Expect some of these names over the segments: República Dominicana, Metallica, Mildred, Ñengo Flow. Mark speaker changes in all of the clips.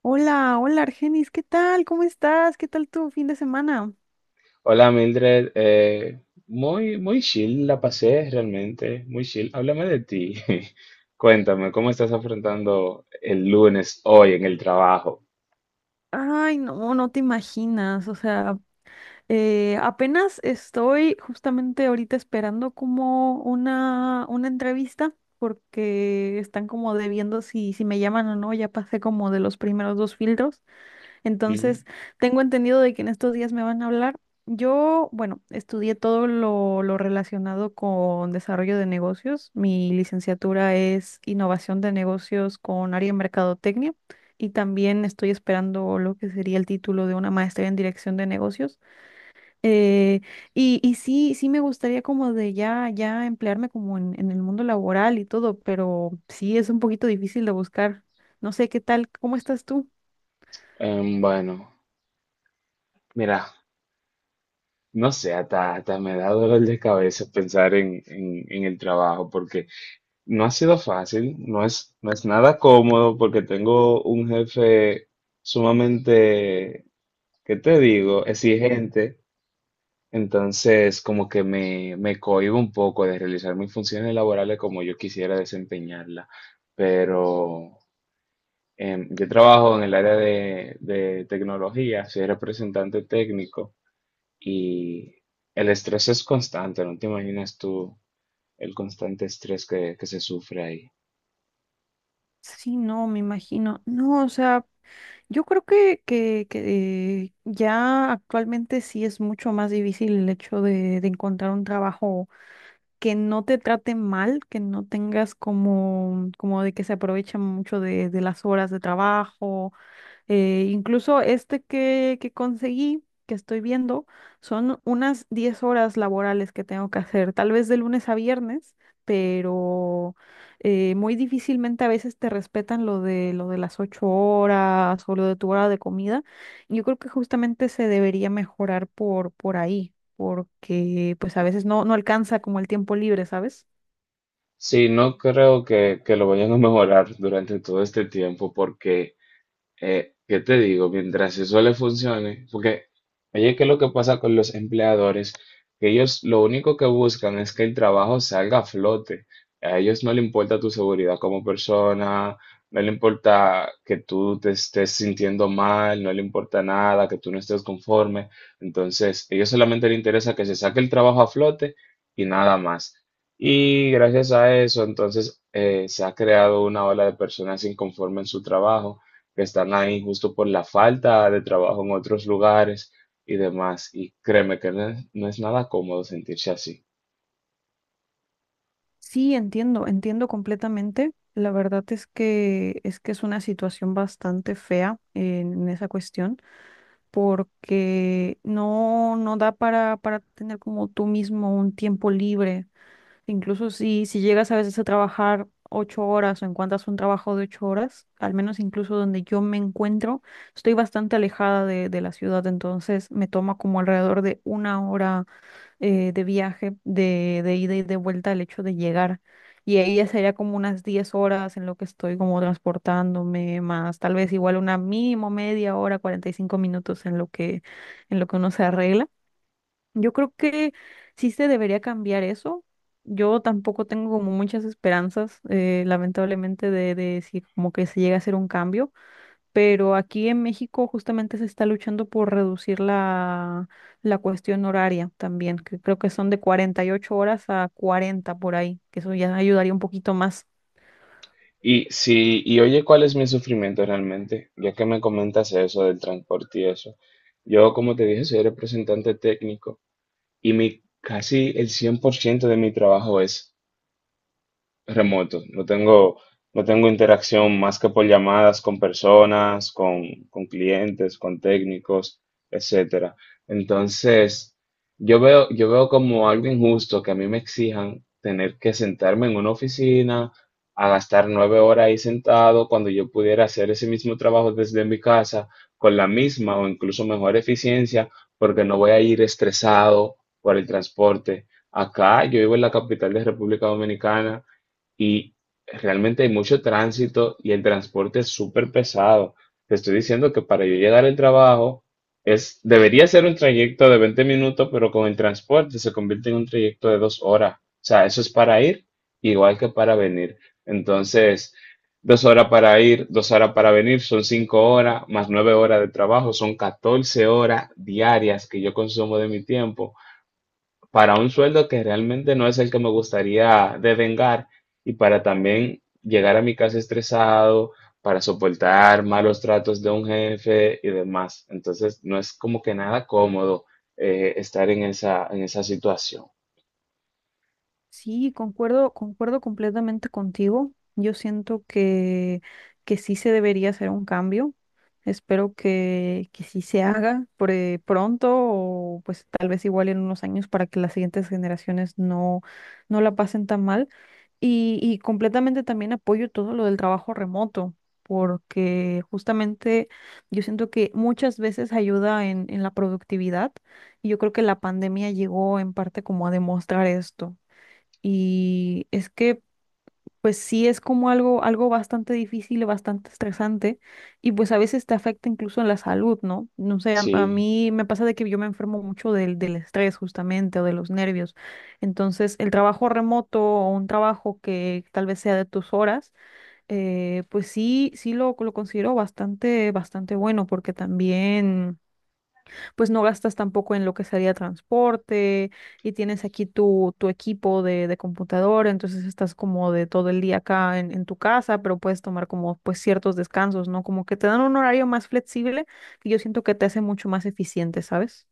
Speaker 1: Hola, hola Argenis, ¿qué tal? ¿Cómo estás? ¿Qué tal tu fin de semana?
Speaker 2: Hola Mildred, muy chill la pasé realmente, muy chill. Háblame de ti. Cuéntame, ¿cómo estás afrontando el lunes hoy en el trabajo?
Speaker 1: Ay, no, no te imaginas. O sea, apenas estoy justamente ahorita esperando como una entrevista porque están como debiendo si me llaman o no. Ya pasé como de los primeros dos filtros.
Speaker 2: Ujú.
Speaker 1: Entonces, tengo entendido de que en estos días me van a hablar. Yo, bueno, estudié todo lo relacionado con desarrollo de negocios. Mi licenciatura es innovación de negocios con área en mercadotecnia y también estoy esperando lo que sería el título de una maestría en dirección de negocios. Eh, y sí, sí me gustaría como de ya, ya emplearme como en el mundo laboral y todo, pero sí es un poquito difícil de buscar. No sé qué tal, ¿cómo estás tú?
Speaker 2: Bueno, mira, no sé, hasta me da dolor de cabeza pensar en el trabajo porque no ha sido fácil, no es nada cómodo porque tengo un jefe sumamente, ¿qué te digo?, exigente. Entonces, como que me cohíbo un poco de realizar mis funciones laborales como yo quisiera desempeñarla. Pero yo trabajo en el área de tecnología, soy representante técnico y el estrés es constante, no te imaginas tú el constante estrés que se sufre ahí.
Speaker 1: Sí, no, me imagino. No, o sea, yo creo que ya actualmente sí es mucho más difícil el hecho de encontrar un trabajo que no te trate mal, que no tengas como, como de que se aprovechan mucho de las horas de trabajo incluso este que conseguí, que estoy viendo, son unas 10 horas laborales que tengo que hacer, tal vez de lunes a viernes, pero muy difícilmente a veces te respetan lo de las 8 horas o lo de tu hora de comida. Yo creo que justamente se debería mejorar por ahí, porque pues a veces no, no alcanza como el tiempo libre, ¿sabes?
Speaker 2: Sí, no creo que lo vayan a mejorar durante todo este tiempo porque ¿qué te digo? Mientras eso le funcione, porque, oye, ¿qué es lo que pasa con los empleadores? Que ellos lo único que buscan es que el trabajo salga a flote. A ellos no le importa tu seguridad como persona, no le importa que tú te estés sintiendo mal, no le importa nada, que tú no estés conforme. Entonces, a ellos solamente les interesa que se saque el trabajo a flote y nada más. Y gracias a eso, entonces, se ha creado una ola de personas inconformes en su trabajo que están ahí justo por la falta de trabajo en otros lugares y demás. Y créeme que no es nada cómodo sentirse así.
Speaker 1: Sí, entiendo, entiendo completamente. La verdad es que es que es una situación bastante fea en esa cuestión, porque no, no da para tener como tú mismo un tiempo libre. Incluso si llegas a veces a trabajar 8 horas o encuentras un trabajo de 8 horas, al menos incluso donde yo me encuentro, estoy bastante alejada de la ciudad, entonces me toma como alrededor de una hora de viaje, de ida y de vuelta, el hecho de llegar. Y ahí ya sería como unas 10 horas en lo que estoy como transportándome, más tal vez igual una mínimo media hora, 45 minutos en lo que uno se arregla. Yo creo que sí se debería cambiar eso. Yo tampoco tengo como muchas esperanzas, lamentablemente, de si como que se llega a hacer un cambio, pero aquí en México justamente se está luchando por reducir la, la cuestión horaria también, que creo que son de 48 horas a 40 por ahí, que eso ya ayudaría un poquito más.
Speaker 2: Y si, y oye, ¿cuál es mi sufrimiento realmente? Ya que me comentas eso del transporte y eso. Yo, como te dije, soy representante técnico y mi casi el 100% de mi trabajo es remoto. No tengo interacción más que por llamadas con personas, con clientes, con técnicos, etcétera. Entonces, yo veo como algo injusto que a mí me exijan tener que sentarme en una oficina a gastar 9 horas ahí sentado cuando yo pudiera hacer ese mismo trabajo desde mi casa con la misma o incluso mejor eficiencia porque no voy a ir estresado por el transporte. Acá yo vivo en la capital de República Dominicana y realmente hay mucho tránsito y el transporte es súper pesado. Te estoy diciendo que para yo llegar al trabajo es, debería ser un trayecto de 20 minutos, pero con el transporte se convierte en un trayecto de 2 horas. O sea, eso es para ir igual que para venir. Entonces, 2 horas para ir, 2 horas para venir, son 5 horas, más 9 horas de trabajo, son 14 horas diarias que yo consumo de mi tiempo para un sueldo que realmente no es el que me gustaría devengar y para también llegar a mi casa estresado, para soportar malos tratos de un jefe y demás. Entonces, no es como que nada cómodo estar en esa situación.
Speaker 1: Sí, concuerdo, concuerdo completamente contigo. Yo siento que sí se debería hacer un cambio. Espero que sí se haga pronto o pues tal vez igual en unos años para que las siguientes generaciones no, no la pasen tan mal. Y completamente también apoyo todo lo del trabajo remoto, porque justamente yo siento que muchas veces ayuda en la productividad, y yo creo que la pandemia llegó en parte como a demostrar esto. Y es que, pues sí, es como algo, algo bastante difícil, y bastante estresante, y pues a veces te afecta incluso en la salud, ¿no? No sé, a
Speaker 2: Sí.
Speaker 1: mí me pasa de que yo me enfermo mucho del estrés justamente o de los nervios. Entonces, el trabajo remoto o un trabajo que tal vez sea de tus horas, pues sí, sí lo considero bastante, bastante bueno, porque también pues no gastas tampoco en lo que sería transporte y tienes aquí tu, tu equipo de computador, entonces estás como de todo el día acá en tu casa, pero puedes tomar como pues ciertos descansos, ¿no? Como que te dan un horario más flexible que yo siento que te hace mucho más eficiente, ¿sabes?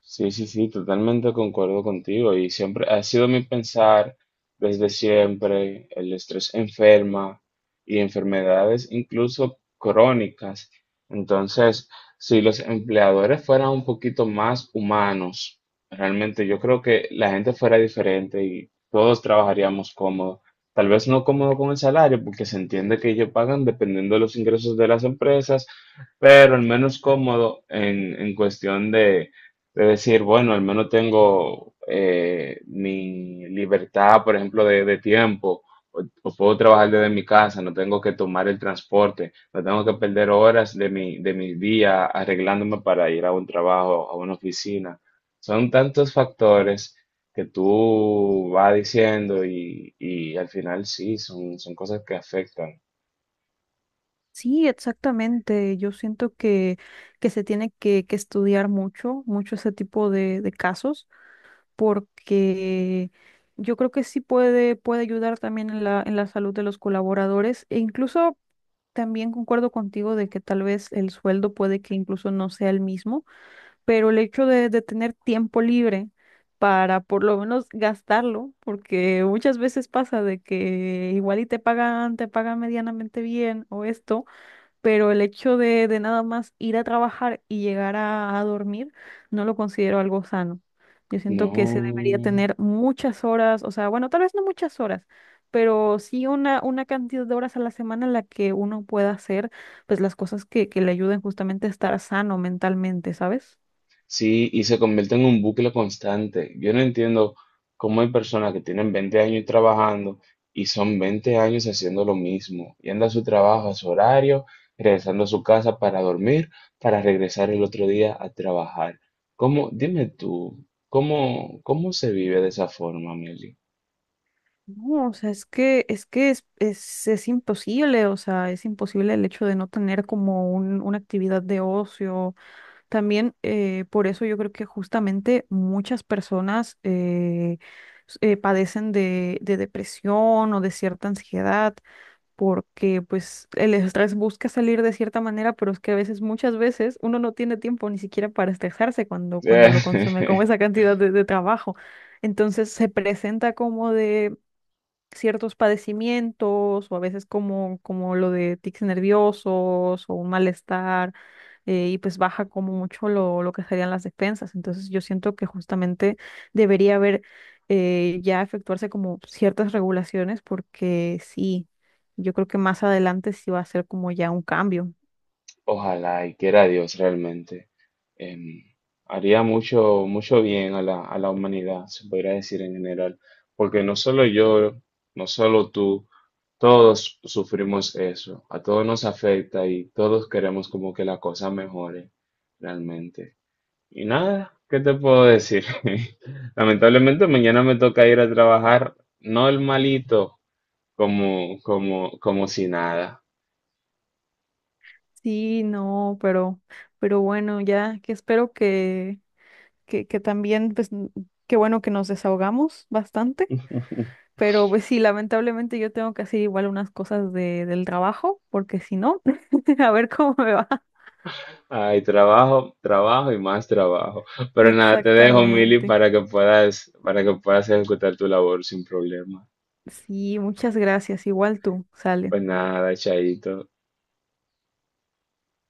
Speaker 2: Sí, sí, sí, totalmente concuerdo contigo y siempre ha sido mi pensar desde siempre, el estrés enferma y enfermedades incluso crónicas. Entonces, si los empleadores fueran un poquito más humanos, realmente yo creo que la gente fuera diferente y todos trabajaríamos cómodo. Tal vez no cómodo con el salario, porque se entiende que ellos pagan dependiendo de los ingresos de las empresas, pero al menos cómodo en cuestión de decir, bueno, al menos tengo mi libertad, por ejemplo, de tiempo, o puedo trabajar desde mi casa, no tengo que tomar el transporte, no tengo que perder horas de mi día arreglándome para ir a un trabajo, a una oficina. Son tantos factores que tú vas diciendo y al final sí, son, son cosas que afectan.
Speaker 1: Sí, exactamente. Yo siento que se tiene que estudiar mucho, mucho ese tipo de casos. Porque yo creo que sí puede, puede ayudar también en la salud de los colaboradores, e incluso también concuerdo contigo de que tal vez el sueldo puede que incluso no sea el mismo, pero el hecho de tener tiempo libre para por lo menos gastarlo, porque muchas veces pasa de que igual y te pagan medianamente bien o esto, pero el hecho de nada más ir a trabajar y llegar a dormir no lo considero algo sano. Yo siento que se debería
Speaker 2: No.
Speaker 1: tener muchas horas, o sea, bueno, tal vez no muchas horas, pero sí una cantidad de horas a la semana en la que uno pueda hacer pues las cosas que le ayuden justamente a estar sano mentalmente, ¿sabes?
Speaker 2: Sí, y se convierte en un bucle constante. Yo no entiendo cómo hay personas que tienen 20 años trabajando y son 20 años haciendo lo mismo, yendo a su trabajo, a su horario, regresando a su casa para dormir, para regresar el otro día a trabajar. ¿Cómo, dime tú, cómo, cómo se vive de esa forma, Meli?
Speaker 1: No, o sea, es que, es que es imposible, o sea, es imposible el hecho de no tener como un, una actividad de ocio. También por eso yo creo que justamente muchas personas padecen de depresión o de cierta ansiedad, porque pues el estrés busca salir de cierta manera, pero es que a veces, muchas veces, uno no tiene tiempo ni siquiera para estresarse cuando, cuando lo consume con esa cantidad de trabajo. Entonces se presenta como de ciertos padecimientos o a veces como, como lo de tics nerviosos o un malestar, y pues baja como mucho lo que serían las despensas. Entonces yo siento que justamente debería haber, ya efectuarse como ciertas regulaciones, porque sí, yo creo que más adelante sí va a ser como ya un cambio.
Speaker 2: Ojalá y quiera Dios realmente. Em, haría mucho, mucho bien a la humanidad, se podría decir en general, porque no solo yo, no solo tú, todos sufrimos eso, a todos nos afecta y todos queremos como que la cosa mejore realmente. Y nada, ¿qué te puedo decir? Lamentablemente mañana me toca ir a trabajar normalito, como, como, como si nada.
Speaker 1: Sí, no, pero bueno, ya que espero que también, qué bueno que nos desahogamos bastante. Pero pues sí, lamentablemente yo tengo que hacer igual unas cosas de, del trabajo, porque si no, a ver cómo me va.
Speaker 2: Ay, trabajo, trabajo y más trabajo. Pero nada, te dejo, Mili,
Speaker 1: Exactamente.
Speaker 2: para que puedas ejecutar tu labor sin problema.
Speaker 1: Sí, muchas gracias. Igual tú, sale.
Speaker 2: Pues nada, chaito.